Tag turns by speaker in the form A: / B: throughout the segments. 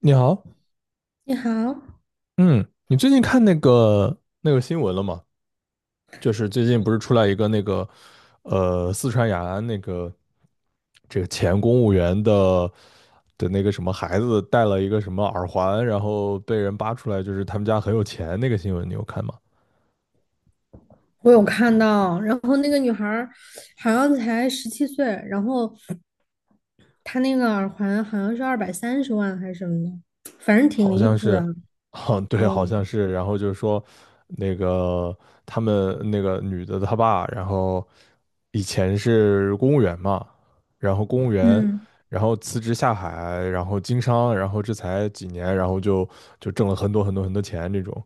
A: 你好。
B: 你好，
A: 嗯，你最近看那个新闻了吗？就是最近不是出来一个那个，四川雅安那个这个前公务员的那个什么孩子戴了一个什么耳环，然后被人扒出来，就是他们家很有钱那个新闻，你有看吗？
B: 我有看到，然后那个女孩儿好像才17岁，然后她那个耳环好像是230万还是什么的，反正挺
A: 好
B: 离
A: 像
B: 谱的。
A: 是。啊，对，好
B: 嗯
A: 像是。然后就是说，那个他们那个女的她爸，然后以前是公务员嘛，然后公务员，
B: 嗯，
A: 然后辞职下海，然后经商，然后这才几年，然后就挣了很多钱这种。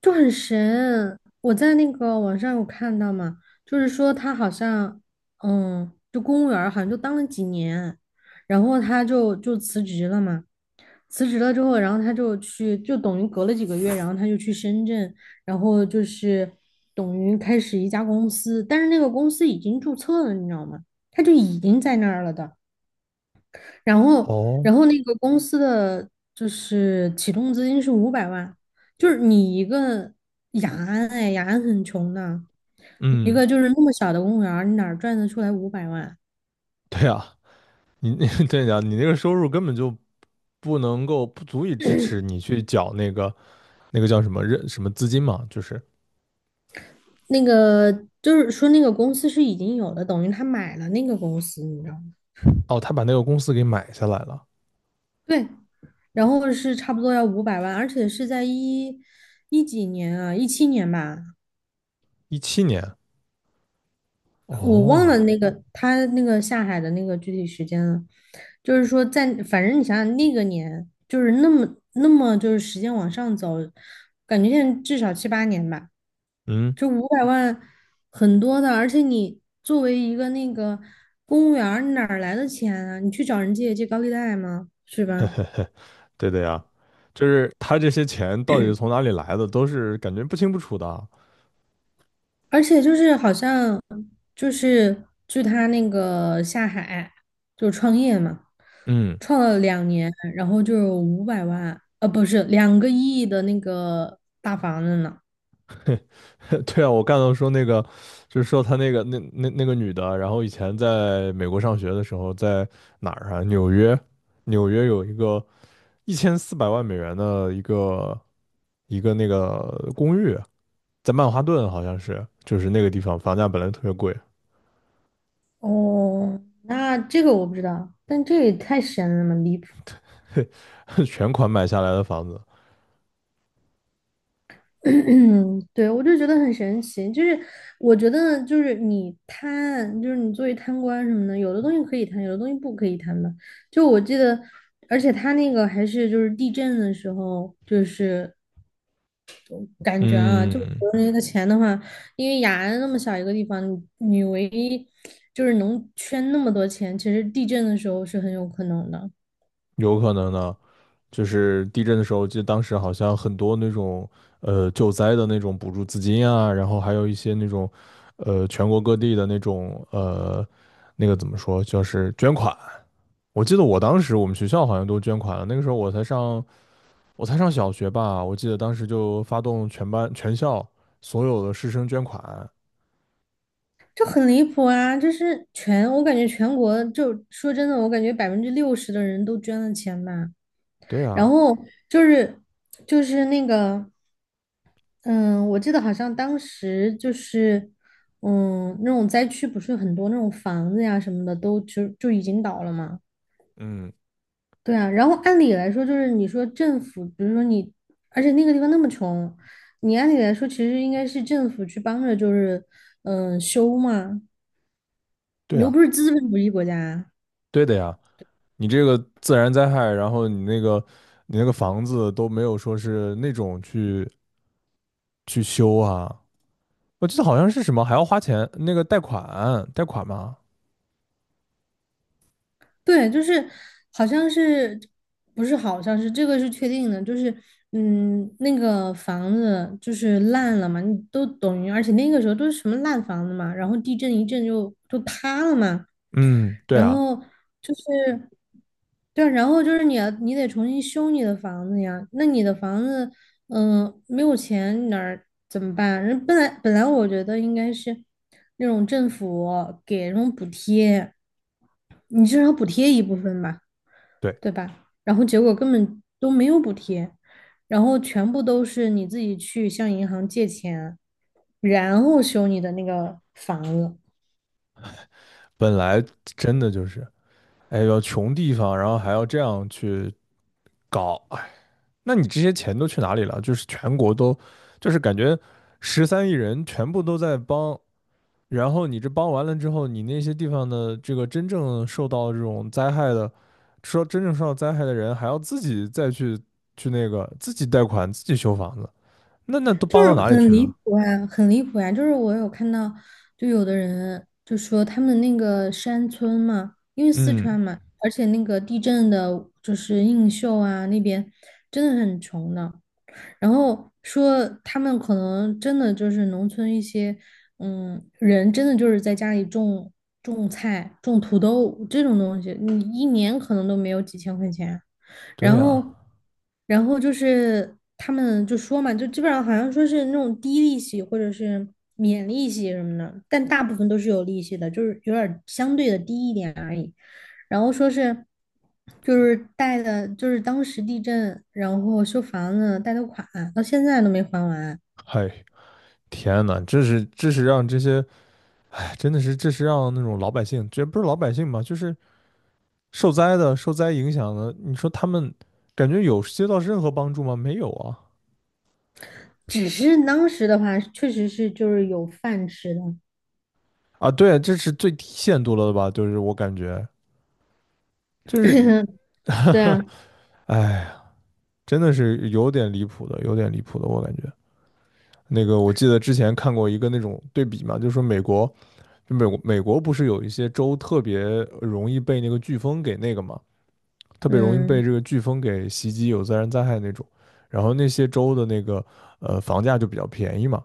B: 就很神。我在那个网上有看到嘛，就是说她好像，就公务员儿好像就当了几年，然后她就辞职了嘛。辞职了之后，然后他就去，就等于隔了几个月，然后他就去深圳，然后就是等于开始一家公司，但是那个公司已经注册了，你知道吗？他就已经在那儿了的。然后，
A: 哦，
B: 然后那个公司的就是启动资金是五百万，就是你一个雅安，哎，雅安很穷的，一
A: 嗯，
B: 个就是那么小的公务员儿你哪儿赚得出来五百万？
A: 对啊，你 对呀，你那个收入根本就不能够不足以支持你去缴那个那个叫什么认什么资金嘛，就是
B: 那个就是说那个公司是已经有的，等于他买了那个公司，你知道吗？
A: 哦，他把那个公司给买下来了。
B: 对，然后是差不多要五百万，而且是在一几年啊，17年吧，
A: 17年，
B: 我忘了
A: 哦，
B: 那个他那个下海的那个具体时间了。就是说在，反正你想想那个年，就是那么就是时间往上走，感觉现在至少七八年吧。
A: 嗯，
B: 就五百万很多的，而且你作为一个那个公务员儿你哪儿来的钱啊？你去找人借借高利贷吗？是吧？
A: 对的呀，就是他这些钱到底是从哪里来的，都是感觉不清不楚的。
B: 而且就是好像就是据他那个下海就创业嘛，
A: 嗯，
B: 创了2年，然后就有五百万，不是2个亿的那个大房子呢。
A: 对啊，我刚才说那个，就是说他那个那个女的，然后以前在美国上学的时候，在哪儿啊？纽约，纽约有一个1400万美元的一个那个公寓，在曼哈顿好像是，就是那个地方房价本来特别贵。
B: 哦，那这个我不知道，但这也太神了嘛，离谱。
A: 全款买下来的房子。
B: 嗯，对，我就觉得很神奇，就是我觉得就是你贪，就是你作为贪官什么的，有的东西可以贪，有的东西不可以贪的。就我记得，而且他那个还是就是地震的时候，就是感觉啊，就
A: 嗯，
B: 国内的钱的话，因为雅安那么小一个地方，你唯一就是能圈那么多钱，其实地震的时候是很有可能的。
A: 有可能呢。就是地震的时候，记得当时好像很多那种救灾的那种补助资金啊，然后还有一些那种全国各地的那种那个怎么说，就是捐款。我记得我当时我们学校好像都捐款了，那个时候我才上小学吧，我记得当时就发动全班全校所有的师生捐款。
B: 就很离谱啊！就是全，我感觉全国就说真的，我感觉60%的人都捐了钱吧。
A: 对
B: 然
A: 啊，
B: 后就是就是那个，嗯，我记得好像当时就是，那种灾区不是很多那种房子呀什么的都就已经倒了嘛。
A: 嗯，
B: 对啊，然后按理来说就是你说政府，比如说你，而且那个地方那么穷，你按理来说其实应该是政府去帮着，就是修嘛，你
A: 对
B: 又不
A: 啊，
B: 是资本主义国家。
A: 对的呀。你这个自然灾害，然后你那个你那个房子都没有说是那种去修啊。我记得好像是什么还要花钱，那个贷款，贷款吗？
B: 对，就是好像是不是好像是这个是确定的，就是那个房子就是烂了嘛，你都等于，而且那个时候都是什么烂房子嘛，然后地震一震就塌了嘛，
A: 嗯，对
B: 然
A: 啊，
B: 后就是对啊，然后就是你得重新修你的房子呀，那你的房子没有钱你哪儿怎么办？人本来我觉得应该是那种政府给那种补贴。你至少补贴一部分吧，
A: 对，
B: 对吧？然后结果根本都没有补贴，然后全部都是你自己去向银行借钱，然后修你的那个房子，
A: 本来真的就是，哎呦，要穷地方，然后还要这样去搞，哎，那你这些钱都去哪里了？就是全国都，就是感觉13亿人全部都在帮，然后你这帮完了之后，你那些地方的这个真正受到这种灾害的，说真正受到灾害的人，还要自己再去那个自己贷款，自己修房子，那都帮
B: 就
A: 到
B: 是
A: 哪里
B: 很
A: 去
B: 离
A: 了？
B: 谱啊，很离谱啊！就是我有看到，就有的人就说他们那个山村嘛，因为四
A: 嗯，
B: 川嘛，而且那个地震的，就是映秀啊那边真的很穷的。然后说他们可能真的就是农村一些，嗯，人真的就是在家里种菜、种土豆这种东西，你一年可能都没有几千块钱。
A: 对
B: 然
A: 啊，
B: 后，他们就说嘛，就基本上好像说是那种低利息或者是免利息什么的，但大部分都是有利息的，就是有点儿相对的低一点而已。然后说是就是贷的，就是当时地震，然后修房子贷的款，到现在都没还完。
A: 嗨，天呐，这是让这些，哎，真的是这是让那种老百姓，这不是老百姓吧，就是受灾的、受灾影响的，你说他们感觉有接到任何帮助吗？没有啊！
B: 只是当时的话，确实是就是有饭吃的。
A: 啊，对，这是最低限度了的吧？就是我感觉，就是你，
B: 对啊，
A: 哎，真的是有点离谱的，有点离谱的，我感觉。那个我记得之前看过一个那种对比嘛，就是说美国，就美国不是有一些州特别容易被那个飓风给那个嘛。特别容易被
B: 嗯，
A: 这个飓风给袭击，有自然灾害那种。然后那些州的那个房价就比较便宜嘛。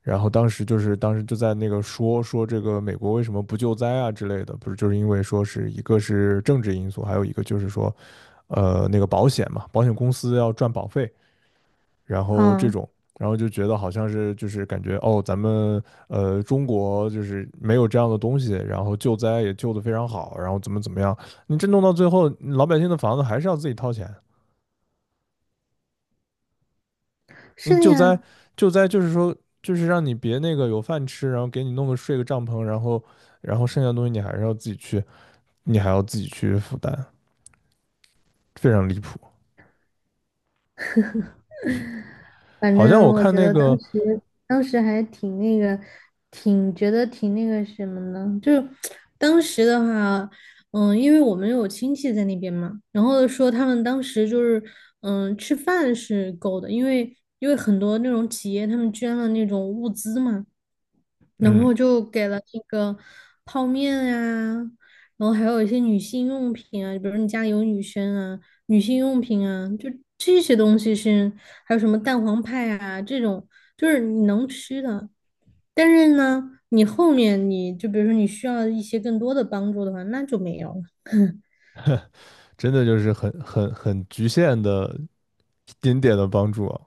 A: 然后当时就在那个说说这个美国为什么不救灾啊之类的，不是就是因为说是一个是政治因素，还有一个就是说，那个保险嘛，保险公司要赚保费，然后这
B: 啊，
A: 种，然后就觉得好像是就是感觉哦，咱们中国就是没有这样的东西，然后救灾也救得非常好，然后怎么怎么样，你这弄到最后，老百姓的房子还是要自己掏钱。
B: 是
A: 你
B: 的
A: 救灾
B: 呀，
A: 就是说就是让你别那个有饭吃，然后给你弄个睡个帐篷，然后剩下的东西你还是要自己去，你还要自己去负担，非常离谱。
B: 反
A: 好像
B: 正
A: 我
B: 我
A: 看
B: 觉
A: 那
B: 得当
A: 个。
B: 时当时还挺那个，挺觉得挺那个什么呢？就是当时的话，因为我们有亲戚在那边嘛，然后说他们当时就是吃饭是够的，因为很多那种企业他们捐了那种物资嘛，然
A: 嗯，
B: 后就给了那个泡面啊，然后还有一些女性用品啊，比如你家里有女生啊，女性用品啊，就这些东西是，还有什么蛋黄派啊这种，就是你能吃的。但是呢，你后面你就比如说你需要一些更多的帮助的话，那就没有了。
A: 真的就是很局限的一点点的帮助啊，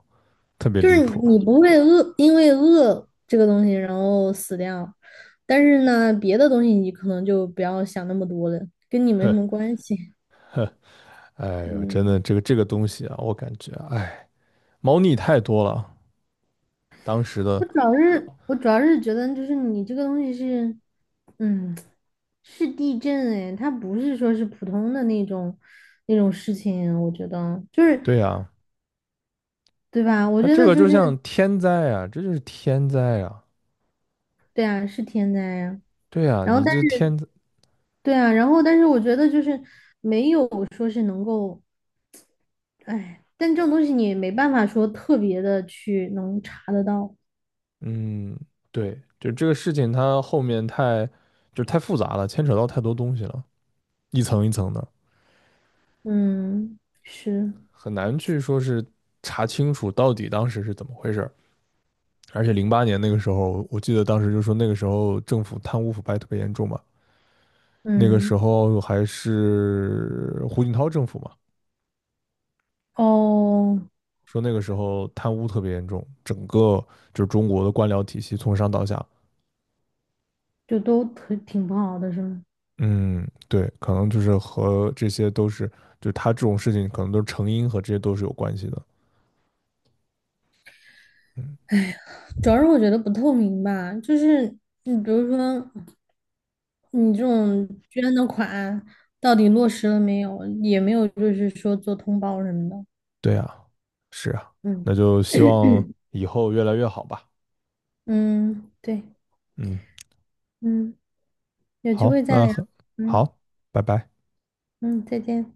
A: 特别
B: 就
A: 离
B: 是
A: 谱
B: 你
A: 啊。
B: 不会饿，因为饿这个东西然后死掉，但是呢，别的东西你可能就不要想那么多了，跟你没什
A: 呵
B: 么关系。
A: 呵，哎呦，真的，
B: 嗯。
A: 这个东西啊，我感觉，哎，猫腻太多了。当时的，
B: 我主要是觉得就是你这个东西是，嗯，是地震哎，它不是说是普通的那种事情，我觉得就是
A: 对呀，
B: 对吧？我
A: 他
B: 觉
A: 这
B: 得
A: 个
B: 就
A: 就
B: 是
A: 像天灾啊，这就是天灾啊。
B: 对啊，是天灾呀、
A: 对啊，
B: 然后
A: 你
B: 但
A: 这
B: 是
A: 天灾，
B: 对啊，然后但是我觉得就是没有说是能够，哎，但这种东西你也没办法说特别的去能查得到，
A: 嗯，对，就这个事情，它后面太，就是太复杂了，牵扯到太多东西了，一层一层的，
B: 嗯，是，
A: 很难去说是查清楚到底当时是怎么回事儿。而且08年那个时候，我记得当时就说那个时候政府贪污腐败特别严重嘛，那个时
B: 嗯，
A: 候还是胡锦涛政府嘛，
B: 哦，
A: 说那个时候贪污特别严重，整个就是中国的官僚体系从上到下，
B: 就都挺不好的是吗？
A: 嗯，对，可能就是和这些都是，就是他这种事情可能都是成因和这些都是有关系的。嗯，
B: 主要是我觉得不透明吧，就是你比如说你这种捐的款到底落实了没有，也没有就是说做通报什么的。
A: 对啊，是啊，
B: 嗯
A: 那就希 望以后越来越好吧。
B: 嗯，对，
A: 嗯，
B: 嗯，有机
A: 好，
B: 会再
A: 那
B: 聊。
A: 很
B: 嗯
A: 好，拜拜。
B: 嗯，再见。